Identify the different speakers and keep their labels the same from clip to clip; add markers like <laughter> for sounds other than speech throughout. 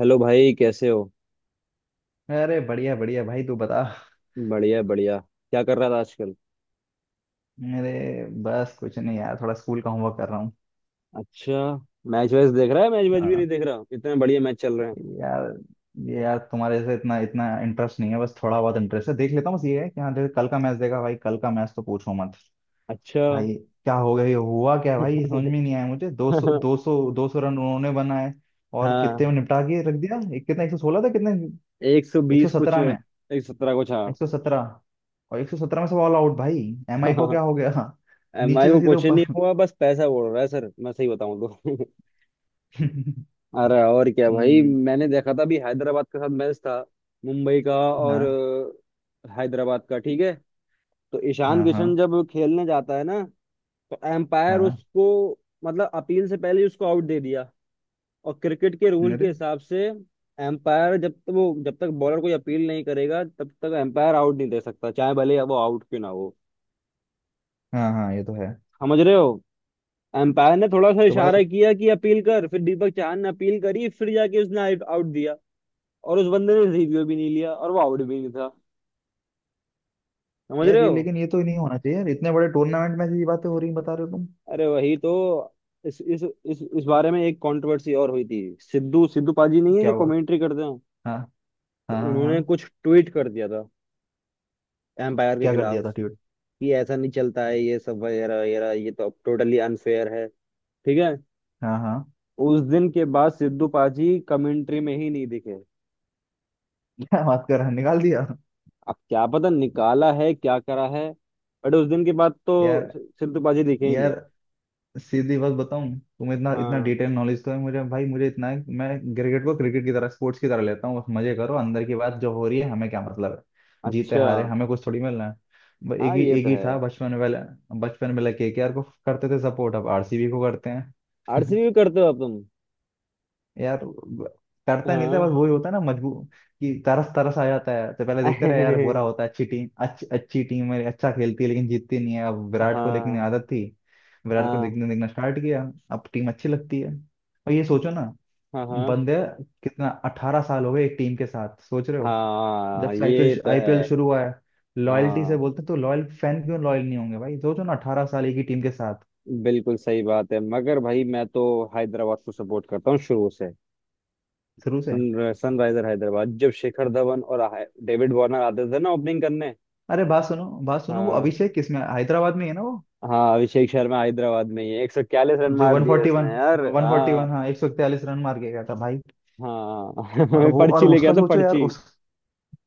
Speaker 1: Hello भाई, कैसे हो।
Speaker 2: अरे बढ़िया बढ़िया भाई तू बता।
Speaker 1: बढ़िया बढ़िया। क्या कर रहा था आजकल।
Speaker 2: मेरे बस कुछ नहीं यार, थोड़ा स्कूल का होमवर्क कर रहा हूँ।
Speaker 1: अच्छा। मैच वैच देख रहा है। मैच वैच भी नहीं
Speaker 2: हाँ
Speaker 1: देख रहा, इतने बढ़िया मैच चल रहे हैं।
Speaker 2: यार, ये यार तुम्हारे से इतना इतना इंटरेस्ट नहीं है, बस थोड़ा बहुत इंटरेस्ट है, देख लेता हूँ। बस ये है कि हाँ, जैसे कल का मैच देखा भाई, कल का मैच तो पूछो मत।
Speaker 1: अच्छा।
Speaker 2: भाई क्या हो गया, ये हुआ क्या है भाई, समझ में नहीं आया मुझे। दो सौ रन उन्होंने बनाए,
Speaker 1: <laughs>
Speaker 2: और कितने
Speaker 1: हाँ।
Speaker 2: में निपटा के रख दिया। एक कितना, 116 था कितने,
Speaker 1: एक सौ
Speaker 2: एक सौ
Speaker 1: बीस कुछ,
Speaker 2: सत्रह में।
Speaker 1: 117 कुछ, हाँ।
Speaker 2: एक सौ सत्रह, और 117 में सब ऑल आउट भाई। एम आई को क्या हो
Speaker 1: <laughs>
Speaker 2: गया। <laughs>
Speaker 1: एम आई
Speaker 2: नीचे
Speaker 1: को
Speaker 2: से सीधे
Speaker 1: कुछ नहीं
Speaker 2: ऊपर।
Speaker 1: हुआ,
Speaker 2: <laughs>
Speaker 1: बस पैसा उड़ रहा है सर, मैं सही बताऊं तो। <laughs> अरे और क्या भाई,
Speaker 2: हम्म,
Speaker 1: मैंने देखा था अभी हैदराबाद के साथ मैच था, मुंबई का। और
Speaker 2: हाँ
Speaker 1: हैदराबाद का, ठीक है। तो ईशान
Speaker 2: हाँ
Speaker 1: किशन
Speaker 2: हाँ
Speaker 1: जब खेलने जाता है ना, तो एम्पायर
Speaker 2: हाँ,
Speaker 1: उसको मतलब अपील से पहले ही उसको आउट दे दिया। और क्रिकेट के रूल के
Speaker 2: अरे
Speaker 1: हिसाब से एम्पायर, जब तक बॉलर कोई अपील नहीं करेगा तब तक एम्पायर आउट नहीं दे सकता, चाहे भले वो आउट क्यों ना हो।
Speaker 2: हाँ हाँ ये तो है।
Speaker 1: समझ रहे हो। एम्पायर ने थोड़ा सा
Speaker 2: तो
Speaker 1: इशारा
Speaker 2: मतलब,
Speaker 1: किया कि अपील कर, फिर दीपक चाहर ने अपील करी, फिर जाके उसने आउट दिया। और उस बंदे ने रिव्यू भी नहीं लिया, और वो आउट भी नहीं था। समझ रहे
Speaker 2: यार ये
Speaker 1: हो।
Speaker 2: लेकिन, ये तो नहीं होना चाहिए यार, इतने बड़े टूर्नामेंट में से ये बातें हो रही हैं, बता रहे हो तुम।
Speaker 1: अरे वही तो। इस बारे में एक कंट्रोवर्सी और हुई थी। सिद्धू सिद्धू पाजी नहीं है
Speaker 2: क्या
Speaker 1: जो
Speaker 2: हुआ।
Speaker 1: कमेंट्री करते हैं,
Speaker 2: हाँ
Speaker 1: तो
Speaker 2: हाँ हाँ
Speaker 1: उन्होंने
Speaker 2: हाँ।
Speaker 1: कुछ ट्वीट कर दिया था एम्पायर के
Speaker 2: क्या कर
Speaker 1: खिलाफ,
Speaker 2: दिया था ट्यूट।
Speaker 1: कि ऐसा नहीं चलता है ये सब वगैरह वगैरह, ये तो अब टोटली अनफेयर है, ठीक है।
Speaker 2: हाँ हाँ।
Speaker 1: उस दिन के बाद सिद्धू पाजी कमेंट्री में ही नहीं दिखे।
Speaker 2: <laughs> क्या बात कर रहा है? निकाल दिया।
Speaker 1: अब क्या पता निकाला है क्या करा है, बट उस दिन के बाद तो
Speaker 2: यार
Speaker 1: सिद्धू पाजी दिखे ही नहीं।
Speaker 2: यार सीधी बात बताऊं तुम्हें, इतना इतना
Speaker 1: हाँ।
Speaker 2: डिटेल नॉलेज तो है मुझे भाई, मुझे इतना है कि मैं क्रिकेट को क्रिकेट की तरह, स्पोर्ट्स की तरह लेता हूँ, बस मजे करो। अंदर की बात जो हो रही है हमें क्या मतलब है, जीते
Speaker 1: अच्छा।
Speaker 2: हारे हमें कुछ थोड़ी मिलना है। एक
Speaker 1: हाँ
Speaker 2: ही
Speaker 1: ये
Speaker 2: एक
Speaker 1: तो
Speaker 2: ही
Speaker 1: है।
Speaker 2: था बचपन में वाला। बचपन में लगे केकेआर को करते थे सपोर्ट, अब आरसीबी को करते हैं।
Speaker 1: आरसीबी भी करते हो अब तुम।
Speaker 2: यार करता नहीं था, बस
Speaker 1: हाँ।
Speaker 2: वही होता है ना, मजबूर कि तरस तरस आ जाता है, तो पहले देखते रहे यार, बुरा
Speaker 1: <laughs>
Speaker 2: होता है, अच्छी टीम, अच्छी अच्छी टीम है, अच्छा खेलती है लेकिन जीतती नहीं है। अब विराट को लेकिन
Speaker 1: हाँ
Speaker 2: आदत थी, विराट को
Speaker 1: हाँ
Speaker 2: देखने देखना स्टार्ट किया, अब टीम अच्छी लगती है। और ये सोचो ना
Speaker 1: हाँ। हाँ।
Speaker 2: बंदे, कितना 18 साल हो गए एक टीम के साथ, सोच रहे हो। जब
Speaker 1: हाँ
Speaker 2: से
Speaker 1: ये
Speaker 2: आईपीएल
Speaker 1: तो
Speaker 2: आईपीएल
Speaker 1: है।
Speaker 2: शुरू हुआ है, लॉयल्टी से
Speaker 1: हाँ
Speaker 2: बोलते हैं, तो लॉयल फैन क्यों लॉयल नहीं होंगे भाई, सोचो ना, 18 साल एक ही टीम के साथ।
Speaker 1: बिल्कुल सही बात है, मगर भाई मैं तो हैदराबाद को सपोर्ट करता हूँ शुरू से।
Speaker 2: शुरू से।
Speaker 1: सनराइजर हैदराबाद, जब शिखर धवन और डेविड वार्नर आते थे ना ओपनिंग करने।
Speaker 2: अरे बात सुनो बात सुनो, वो
Speaker 1: हाँ।
Speaker 2: अभिषेक किसमें, हैदराबाद में ही है ना वो?
Speaker 1: हाँ अभिषेक शर्मा हैदराबाद में ही है। 142 रन
Speaker 2: जो
Speaker 1: मार दिए उसने
Speaker 2: 141,
Speaker 1: यार, हाँ।
Speaker 2: 141 हाँ, 141 रन मार के गया था भाई। और
Speaker 1: हाँ। <laughs>
Speaker 2: वो, और
Speaker 1: पर्ची लेके
Speaker 2: उसका
Speaker 1: आता
Speaker 2: सोचो यार,
Speaker 1: पर्ची।
Speaker 2: उस,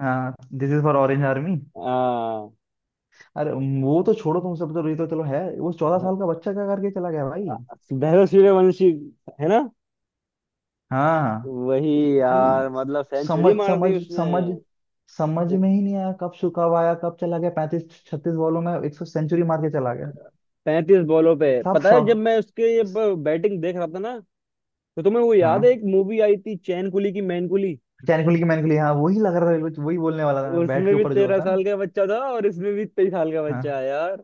Speaker 2: हाँ, this is for orange army.
Speaker 1: हाँ।
Speaker 2: अरे वो तो छोड़ो, तुम सब तो ये तो चलो है, वो 14 साल का बच्चा क्या करके चला गया भाई।
Speaker 1: वैभव सूर्यवंशी, है ना।
Speaker 2: हाँ
Speaker 1: वही।
Speaker 2: भाई,
Speaker 1: यार मतलब सेंचुरी
Speaker 2: समझ
Speaker 1: मार
Speaker 2: समझ
Speaker 1: दी उसने,
Speaker 2: समझ, समझ में ही नहीं आया। कब आया कब चला गया, 35 36 बॉलों में 100, सेंचुरी मार के चला गया।
Speaker 1: 35 बॉलों पे।
Speaker 2: सब
Speaker 1: पता है जब
Speaker 2: शौक,
Speaker 1: मैं उसके ये बैटिंग देख रहा था ना। तो तुम्हें वो
Speaker 2: हाँ।
Speaker 1: याद है, एक मूवी आई थी चैन कुली की मैन कुली।
Speaker 2: मैकेनिकली की मैनिकली हाँ, वही लग रहा था, वही बोलने वाला था मैं, बैट
Speaker 1: उसमें
Speaker 2: के
Speaker 1: भी
Speaker 2: ऊपर जो
Speaker 1: तेरह
Speaker 2: होता है ना।
Speaker 1: साल का बच्चा था, और इसमें भी 23 साल का बच्चा
Speaker 2: हाँ।
Speaker 1: है यार।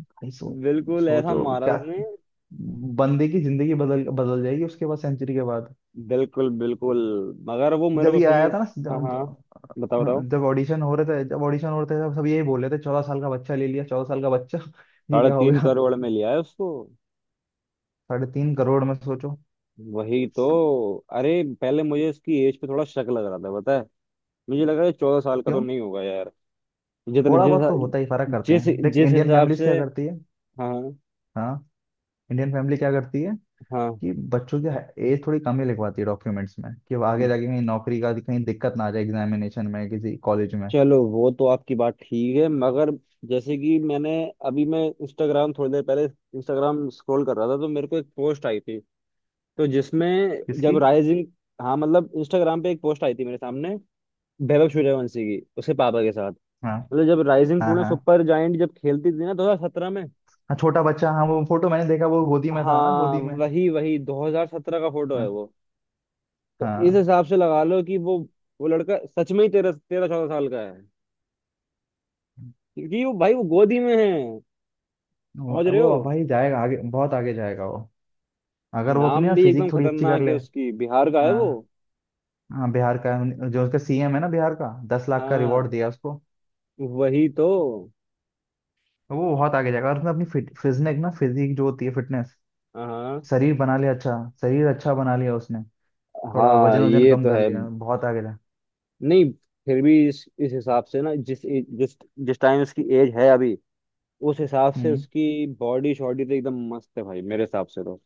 Speaker 2: भाई सो,
Speaker 1: बिल्कुल ऐसा
Speaker 2: सोचो
Speaker 1: मारा
Speaker 2: क्या,
Speaker 1: उसने।
Speaker 2: बंदे की जिंदगी बदल बदल जाएगी उसके बाद, सेंचुरी के बाद।
Speaker 1: बिल्कुल बिल्कुल। मगर वो मेरे
Speaker 2: जब
Speaker 1: को
Speaker 2: ये आया
Speaker 1: सुई।
Speaker 2: था ना,
Speaker 1: हाँ हाँ। बताओ बताओ।
Speaker 2: जब ऑडिशन हो रहे थे, जब ऑडिशन हो रहे थे तब सब यही बोल रहे थे, 14 साल का बच्चा ले लिया, 14 साल का बच्चा। <laughs> ये
Speaker 1: साढ़े
Speaker 2: क्या हो
Speaker 1: तीन
Speaker 2: गया।
Speaker 1: करोड़ में लिया है उसको।
Speaker 2: 3.5 करोड़ में सोचो।
Speaker 1: वही तो। अरे पहले मुझे इसकी एज पे थोड़ा शक लग रहा था, पता है। मुझे लगा ये 14 साल का तो
Speaker 2: क्यों,
Speaker 1: नहीं होगा यार। जितने
Speaker 2: थोड़ा
Speaker 1: जिस
Speaker 2: बहुत तो होता ही, फर्क करते
Speaker 1: जिस
Speaker 2: हैं, देख
Speaker 1: जिस
Speaker 2: इंडियन
Speaker 1: हिसाब
Speaker 2: फैमिलीज
Speaker 1: से।
Speaker 2: क्या करती है।
Speaker 1: हाँ
Speaker 2: हाँ, इंडियन फैमिली क्या करती है
Speaker 1: हाँ।
Speaker 2: कि बच्चों की एज थोड़ी कम ही लिखवाती है डॉक्यूमेंट्स में, कि वो आगे जाके कहीं नौकरी का, कहीं दिक्कत ना आ जाए एग्जामिनेशन में, किसी कॉलेज में।
Speaker 1: चलो वो तो आपकी बात ठीक है, मगर जैसे कि मैंने, अभी मैं इंस्टाग्राम थोड़ी देर पहले इंस्टाग्राम स्क्रॉल कर रहा था तो मेरे को एक पोस्ट आई थी। तो जिसमें जब
Speaker 2: किसकी।
Speaker 1: राइजिंग, हाँ मतलब इंस्टाग्राम पे एक पोस्ट आई थी मेरे सामने, वैभव सूर्यवंशी की उसके पापा के साथ।
Speaker 2: हाँ
Speaker 1: मतलब जब राइजिंग
Speaker 2: हाँ
Speaker 1: पुणे
Speaker 2: हाँ,
Speaker 1: सुपर जायंट जब खेलती थी ना 2017 में।
Speaker 2: हाँ छोटा बच्चा, हाँ वो फोटो मैंने देखा, वो गोदी में था ना,
Speaker 1: हाँ
Speaker 2: गोदी में।
Speaker 1: वही वही 2017 का फोटो है
Speaker 2: हाँ।
Speaker 1: वो। तो इस
Speaker 2: हाँ
Speaker 1: हिसाब से लगा लो कि वो लड़का सच में ही तेरह तेरह 14 साल का है, क्योंकि वो भाई वो गोदी में है।
Speaker 2: वो
Speaker 1: समझ रहे हो।
Speaker 2: वो भाई जाएगा आगे, बहुत आगे जाएगा वो, अगर वो अपनी
Speaker 1: नाम
Speaker 2: ना
Speaker 1: भी एकदम
Speaker 2: फिजिक थोड़ी अच्छी कर
Speaker 1: खतरनाक
Speaker 2: ले।
Speaker 1: है उसकी, बिहार का है
Speaker 2: हाँ
Speaker 1: वो।
Speaker 2: हाँ बिहार का, जो उसका सीएम है ना बिहार का, 10 लाख का रिवॉर्ड
Speaker 1: हाँ
Speaker 2: दिया उसको।
Speaker 1: वही तो।
Speaker 2: वो बहुत आगे जाएगा, और उसने अपनी फिट फिजनेक ना फिजिक जो होती है, फिटनेस,
Speaker 1: हाँ
Speaker 2: शरीर बना लिया अच्छा, शरीर अच्छा बना लिया उसने, थोड़ा
Speaker 1: हाँ
Speaker 2: वजन वजन
Speaker 1: ये
Speaker 2: कम
Speaker 1: तो
Speaker 2: कर
Speaker 1: है।
Speaker 2: लिया, बहुत आगे जा।
Speaker 1: नहीं, फिर भी इस हिसाब से ना, जिस जिस जिस टाइम उसकी एज है अभी, उस हिसाब से
Speaker 2: हम्म।
Speaker 1: उसकी बॉडी शॉडी तो एकदम मस्त है भाई मेरे हिसाब से तो।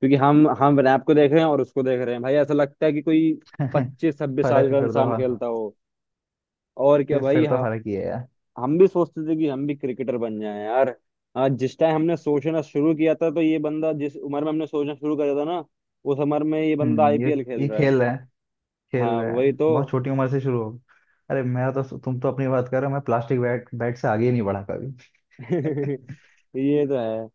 Speaker 1: क्योंकि हम रैप को देख रहे हैं, और उसको देख रहे हैं भाई, ऐसा लगता है कि कोई
Speaker 2: <laughs>
Speaker 1: 25-26 साल
Speaker 2: फर्क है
Speaker 1: का
Speaker 2: फिर तो,
Speaker 1: इंसान
Speaker 2: हाँ,
Speaker 1: खेलता हो। और क्या भाई,
Speaker 2: फिर तो
Speaker 1: हाँ।
Speaker 2: फर्क ही है यार।
Speaker 1: हम भी सोचते थे कि हम भी क्रिकेटर बन जाएं यार। हाँ, जिस टाइम हमने सोचना शुरू किया था, तो ये बंदा, जिस उम्र में हमने सोचना शुरू करा था ना, उस उम्र में ये बंदा
Speaker 2: हम्म,
Speaker 1: आईपीएल खेल
Speaker 2: ये
Speaker 1: रहा है।
Speaker 2: खेल है, खेल
Speaker 1: हाँ
Speaker 2: रहे
Speaker 1: वही
Speaker 2: हैं
Speaker 1: तो।
Speaker 2: बहुत छोटी उम्र से शुरू हो। अरे मेरा तो, तुम तो अपनी बात कर रहे हो, मैं प्लास्टिक बैट बैट से आगे ही नहीं बढ़ा कभी।
Speaker 1: <laughs> ये तो है।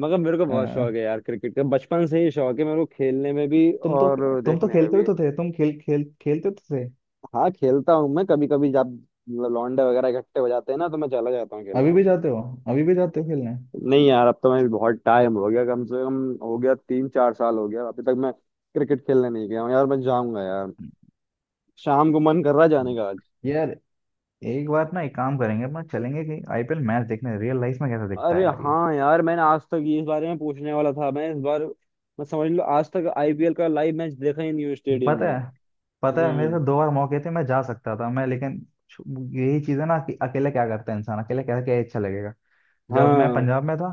Speaker 1: मगर मेरे को बहुत
Speaker 2: अ,
Speaker 1: शौक है यार क्रिकेट का, बचपन से ही शौक है मेरे को, खेलने में भी
Speaker 2: तुम तो,
Speaker 1: और
Speaker 2: तुम तो
Speaker 1: देखने में
Speaker 2: खेलते ही
Speaker 1: भी।
Speaker 2: तो थे, तुम खेल खेल खेलते तो थे।
Speaker 1: हाँ खेलता हूँ मैं कभी कभी, जब मतलब लौंडे वगैरह इकट्ठे हो जाते हैं ना, तो मैं चला जाता हूँ
Speaker 2: अभी
Speaker 1: खेलने।
Speaker 2: भी जाते हो, अभी भी जाते हो खेलने।
Speaker 1: नहीं यार, अब तो मैं भी बहुत टाइम हो गया, कम से कम हो गया 3-4 साल, हो गया अभी तक मैं क्रिकेट खेलने नहीं गया हूँ यार। मैं जाऊंगा यार, शाम को मन कर रहा है जाने का आज।
Speaker 2: यार एक बार ना, एक काम करेंगे अपना, चलेंगे कि आईपीएल मैच देखने, रियल लाइफ में कैसा दिखता
Speaker 1: अरे
Speaker 2: है यार ये।
Speaker 1: हाँ यार, मैंने आज तक ये, इस बारे में पूछने वाला था मैं इस बार। मैं समझ लो आज तक आईपीएल का लाइव मैच देखा ही नहीं हूँ स्टेडियम
Speaker 2: पता
Speaker 1: में।
Speaker 2: है, पता है मेरे से
Speaker 1: हम्म।
Speaker 2: दो बार मौके थे, मैं जा सकता था मैं, लेकिन, छु- यही चीज है ना कि अकेले क्या करता है इंसान, अकेले क्या क्या अच्छा लगेगा। जब मैं
Speaker 1: हाँ
Speaker 2: पंजाब में था,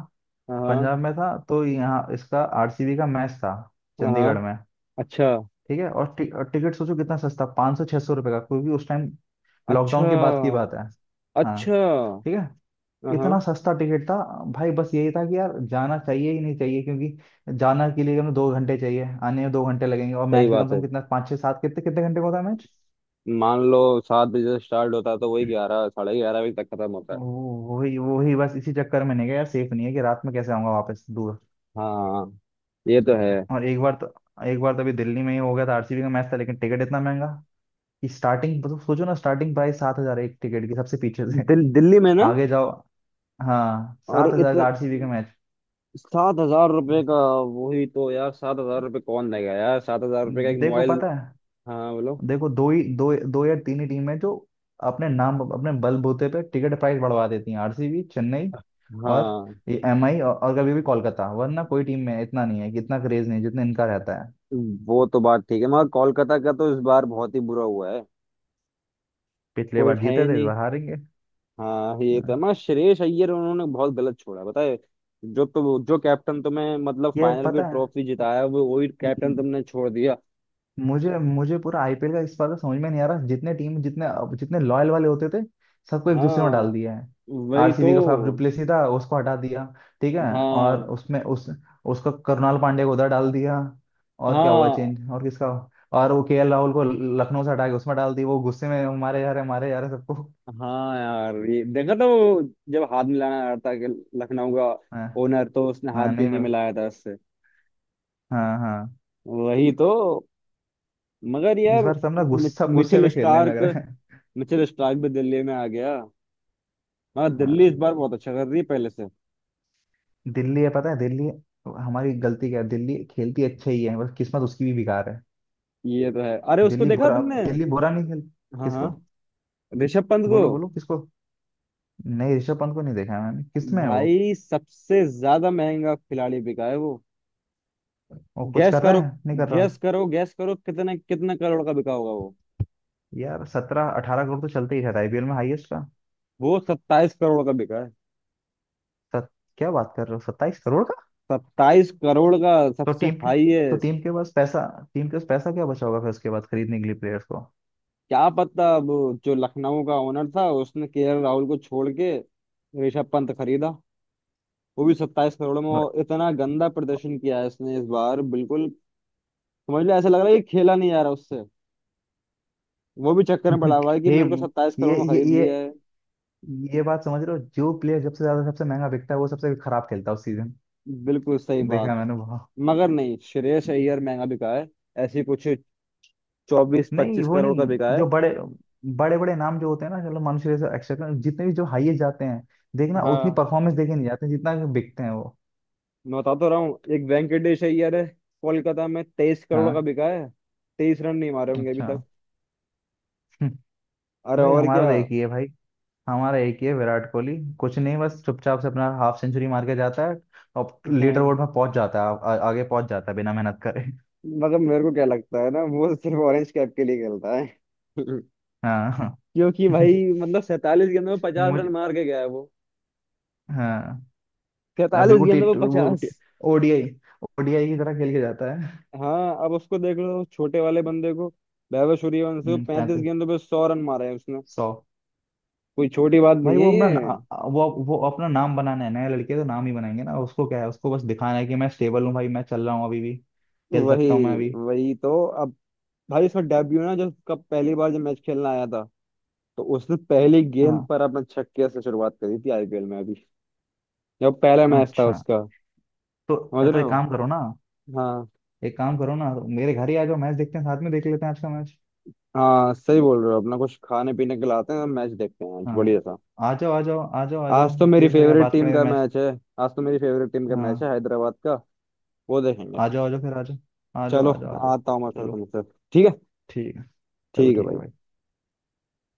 Speaker 1: हाँ।
Speaker 2: पंजाब में था तो यहाँ इसका आरसीबी का मैच था, चंडीगढ़
Speaker 1: हाँ।
Speaker 2: में।
Speaker 1: अच्छा।
Speaker 2: ठीक है, और, और टिकट सोचो कितना सस्ता, 500-600 रुपये का, क्योंकि उस टाइम
Speaker 1: अच्छा।
Speaker 2: लॉकडाउन के बाद की बात है। हाँ,
Speaker 1: अच्छा।
Speaker 2: ठीक है,
Speaker 1: हाँ हाँ,
Speaker 2: इतना सस्ता टिकट था। भाई बस यही था कि यार जाना चाहिए ही नहीं चाहिए, क्योंकि जाना के लिए हमें 2 घंटे चाहिए, आने में 2 घंटे लगेंगे, और
Speaker 1: सही
Speaker 2: मैच भी कम
Speaker 1: बात
Speaker 2: से कम
Speaker 1: है।
Speaker 2: कितना, 5, 6, 7, कितने कितने घंटे का होता है मैच।
Speaker 1: मान लो 7 बजे से स्टार्ट होता है तो वही 11 11:30 बजे तक खत्म होता है।
Speaker 2: वही वही, बस इसी चक्कर में नहीं गया यार, सेफ नहीं है, कि रात में कैसे आऊंगा वापस, दूर।
Speaker 1: हाँ ये तो।
Speaker 2: और एक बार तो अभी दिल्ली में ही हो गया था, आरसीबी का मैच था लेकिन टिकट इतना महंगा, कि स्टार्टिंग मतलब, सोचो ना, स्टार्टिंग प्राइस 7,000 एक टिकट की, सबसे पीछे से,
Speaker 1: दिल्ली में ना।
Speaker 2: आगे जाओ। हाँ,
Speaker 1: अरे
Speaker 2: 7,000
Speaker 1: इतने,
Speaker 2: का आरसीबी का मैच।
Speaker 1: 7,000 रुपये का। वही तो यार, 7,000 रुपये कौन देगा यार, 7,000 रुपये का एक
Speaker 2: देखो
Speaker 1: मोबाइल।
Speaker 2: पता है,
Speaker 1: हाँ बोलो।
Speaker 2: देखो दो या तीन ही टीम है जो अपने नाम, अपने बलबूते पे टिकट प्राइस बढ़वा देती हैं, आरसीबी, चेन्नई, और
Speaker 1: हाँ।
Speaker 2: ये एमआई और, कभी भी कोलकाता, वरना कोई टीम में इतना नहीं है, कि इतना क्रेज नहीं है जितना इनका रहता है।
Speaker 1: वो तो बात ठीक है, मगर कोलकाता का तो इस बार बहुत ही बुरा हुआ है।
Speaker 2: पिछले
Speaker 1: कोई
Speaker 2: बार
Speaker 1: है
Speaker 2: जीते
Speaker 1: ही
Speaker 2: थे, इस
Speaker 1: नहीं।
Speaker 2: बार हारेंगे।
Speaker 1: हाँ ये तो है।
Speaker 2: हाँ।
Speaker 1: मगर श्रेयस अय्यर, उन्होंने बहुत गलत छोड़ा बताए। जो तो जो कैप्टन तुम्हें मतलब
Speaker 2: यार
Speaker 1: फाइनल की
Speaker 2: पता
Speaker 1: ट्रॉफी जिताया, वो वही
Speaker 2: है,
Speaker 1: कैप्टन तुमने छोड़ दिया।
Speaker 2: मुझे मुझे पूरा आईपीएल का इस बार का समझ में नहीं आ रहा, जितने टीम जितने, अब जितने लॉयल वाले होते थे सबको एक दूसरे में डाल
Speaker 1: हाँ
Speaker 2: दिया है।
Speaker 1: वही तो।
Speaker 2: आरसीबी का फाफ डुप्लेसी था, उसको हटा दिया, ठीक है। और
Speaker 1: हाँ
Speaker 2: उसमें, उस उसका करुणाल पांडे को उधर डाल दिया, और क्या हुआ
Speaker 1: हाँ।
Speaker 2: चेंज और किसका। और वो केएल राहुल को लखनऊ से हटा के उसमें डाल दी, वो गुस्से में मारे जा रहे, मारे जा रहे सबको।
Speaker 1: हाँ यार ये देखा था वो, जब हाथ मिलाना आ रहा था कि लखनऊ का
Speaker 2: हाँ
Speaker 1: ओनर, तो उसने हाथ
Speaker 2: हाँ,
Speaker 1: भी
Speaker 2: नहीं
Speaker 1: नहीं
Speaker 2: मिला,
Speaker 1: मिलाया था उससे।
Speaker 2: हाँ हाँ।
Speaker 1: वही तो। मगर
Speaker 2: इस
Speaker 1: यार,
Speaker 2: बार सब ना,
Speaker 1: मि-
Speaker 2: गुस्सा, सब गुस्से
Speaker 1: मिचेल
Speaker 2: में खेलने लग
Speaker 1: स्टार्क,
Speaker 2: रहे हैं।
Speaker 1: मिचेल स्टार्क भी दिल्ली में आ गया। मगर दिल्ली इस
Speaker 2: हाँ
Speaker 1: बार बहुत अच्छा कर रही है पहले से।
Speaker 2: दिल्ली है, पता है, दिल्ली हमारी गलती क्या है, दिल्ली खेलती अच्छा ही है, बस किस्मत उसकी भी बेकार है।
Speaker 1: ये तो है। अरे उसको
Speaker 2: दिल्ली
Speaker 1: देखा
Speaker 2: बुरा अब
Speaker 1: तुमने।
Speaker 2: दिल्ली बुरा नहीं खेल।
Speaker 1: हाँ हाँ।
Speaker 2: किसको।
Speaker 1: ऋषभ पंत को।
Speaker 2: बोलो बोलो किसको, नहीं ऋषभ पंत को नहीं देखा है मैंने, किस में है वो
Speaker 1: भाई सबसे ज्यादा महंगा खिलाड़ी बिका है वो।
Speaker 2: वो कुछ
Speaker 1: गैस
Speaker 2: कर
Speaker 1: करो।
Speaker 2: रहा है नहीं कर रहा।
Speaker 1: गैस करो, गैस करो कितने कितने करोड़ का बिका होगा वो।
Speaker 2: यार 17-18 करोड़ तो चलते ही रहता है आईपीएल में हाईएस्ट का।
Speaker 1: वो 27 करोड़ का बिका,
Speaker 2: सत, क्या बात कर रहे हो, 27 करोड़ का।
Speaker 1: 27 करोड़ का,
Speaker 2: तो
Speaker 1: सबसे
Speaker 2: टीम के तो
Speaker 1: हाईएस्ट।
Speaker 2: टीम के पास पैसा टीम के पास पैसा क्या बचा होगा फिर उसके बाद, खरीदने के लिए प्लेयर्स को।
Speaker 1: क्या पता अब। जो लखनऊ का ओनर था, उसने केएल राहुल को छोड़ के ऋषभ पंत खरीदा, वो भी 27 करोड़ में।
Speaker 2: और
Speaker 1: और इतना गंदा प्रदर्शन किया है इसने इस बार, बिल्कुल समझ लो ऐसा लग रहा है कि खेला नहीं जा रहा उससे। वो भी चक्कर में पड़ा
Speaker 2: <laughs>
Speaker 1: हुआ है कि
Speaker 2: ये
Speaker 1: मेरे को 27 करोड़
Speaker 2: ये
Speaker 1: में
Speaker 2: ये
Speaker 1: खरीद
Speaker 2: ये
Speaker 1: लिया है।
Speaker 2: ये बात समझ रहे हो, जो प्लेयर जब से ज्यादा, सबसे महंगा बिकता है वो सबसे खराब खेलता है उस सीजन।
Speaker 1: बिल्कुल सही
Speaker 2: देखा
Speaker 1: बात।
Speaker 2: है मैंने बहुत।
Speaker 1: मगर नहीं, श्रेयस अय्यर महंगा बिका है, ऐसी कुछ चौबीस
Speaker 2: नहीं
Speaker 1: पच्चीस
Speaker 2: वो
Speaker 1: करोड़ का
Speaker 2: नहीं,
Speaker 1: बिका है।
Speaker 2: जो बड़े, बड़े बड़े नाम जो होते हैं ना, चलो मनुष्य जैसे एक्स्ट्रा, जितने भी जो हाईएस्ट जाते हैं, देखना उतनी
Speaker 1: हाँ।
Speaker 2: परफॉर्मेंस देके नहीं जाते जितना कि बिकते हैं वो।
Speaker 1: मैं बता तो रहा हूँ, एक वेंकटेश अय्यर है, कोलकाता में 23 करोड़ का
Speaker 2: हाँ
Speaker 1: बिका है, 23 रन नहीं मारे होंगे अभी
Speaker 2: अच्छा।
Speaker 1: तक।
Speaker 2: हम्म,
Speaker 1: अरे
Speaker 2: भाई
Speaker 1: और
Speaker 2: हमारा
Speaker 1: क्या।
Speaker 2: तो एक ही है, भाई हमारा एक ही है, विराट कोहली, कुछ नहीं बस चुपचाप से अपना हाफ सेंचुरी मार के जाता है, और
Speaker 1: <laughs> हाँ
Speaker 2: लीडर बोर्ड में पहुंच जाता है, आगे पहुंच जाता है बिना मेहनत करे।
Speaker 1: मतलब मेरे को क्या लगता है ना, वो सिर्फ ऑरेंज कैप के लिए खेलता है। <laughs>
Speaker 2: हाँ हाँ।
Speaker 1: क्योंकि
Speaker 2: <laughs>
Speaker 1: भाई मतलब 47 गेंदों में 50 रन
Speaker 2: मुझे,
Speaker 1: मार के गया है वो,
Speaker 2: हाँ,
Speaker 1: सैतालीस
Speaker 2: बिल्कुल टी
Speaker 1: गेंदों में
Speaker 2: वो
Speaker 1: पचास।
Speaker 2: ओडीआई ओडीआई की तरह खेल के जाता है।
Speaker 1: हाँ अब उसको देख लो, छोटे वाले बंदे को। वैभव सूर्यवंशी को पैंतीस
Speaker 2: 35,
Speaker 1: गेंदों पे 100 रन मारे हैं उसने।
Speaker 2: 100।
Speaker 1: कोई छोटी बात
Speaker 2: भाई
Speaker 1: नहीं है
Speaker 2: वो
Speaker 1: ये।
Speaker 2: अपना, वो अपना नाम बनाना है, नया लड़के तो नाम ही बनाएंगे ना, उसको क्या है, उसको बस दिखाना है कि मैं स्टेबल हूँ भाई, मैं चल रहा हूँ अभी भी, खेल
Speaker 1: वही
Speaker 2: सकता हूँ मैं अभी।
Speaker 1: वही तो। अब भाई उसका डेब्यू ना, जब कब पहली बार जब मैच खेलना आया था, तो उसने पहली गेंद
Speaker 2: हाँ
Speaker 1: पर अपने छक्के से शुरुआत करी थी आईपीएल में, अभी जब पहला मैच था
Speaker 2: अच्छा
Speaker 1: उसका।
Speaker 2: तो।
Speaker 1: समझ
Speaker 2: अरे तो
Speaker 1: रहे
Speaker 2: एक
Speaker 1: हो।
Speaker 2: काम करो ना,
Speaker 1: हाँ
Speaker 2: मेरे घर ही आ जाओ, मैच देखते हैं साथ में, देख लेते हैं आज का मैच।
Speaker 1: हाँ, सही बोल रहे हो, अपना कुछ खाने पीने के लाते हैं, मैच देखते हैं आज बढ़िया
Speaker 2: हाँ,
Speaker 1: सा।
Speaker 2: आ जाओ आ जाओ आ जाओ आ
Speaker 1: आज
Speaker 2: जाओ,
Speaker 1: तो
Speaker 2: इतनी
Speaker 1: मेरी
Speaker 2: देर से क्या
Speaker 1: फेवरेट
Speaker 2: बात
Speaker 1: टीम
Speaker 2: करें,
Speaker 1: का
Speaker 2: मैच।
Speaker 1: मैच है। आज तो मेरी फेवरेट टीम का मैच
Speaker 2: हाँ
Speaker 1: है, हैदराबाद का, वो देखेंगे।
Speaker 2: आ जाओ आ जाओ, फिर आ जाओ, आ जाओ
Speaker 1: चलो,
Speaker 2: आ जाओ आ जाओ।
Speaker 1: आता हूँ मैं फिर
Speaker 2: चलो
Speaker 1: तुमसे। ठीक है।
Speaker 2: ठीक है, चलो
Speaker 1: ठीक है
Speaker 2: ठीक है
Speaker 1: भाई।
Speaker 2: भाई।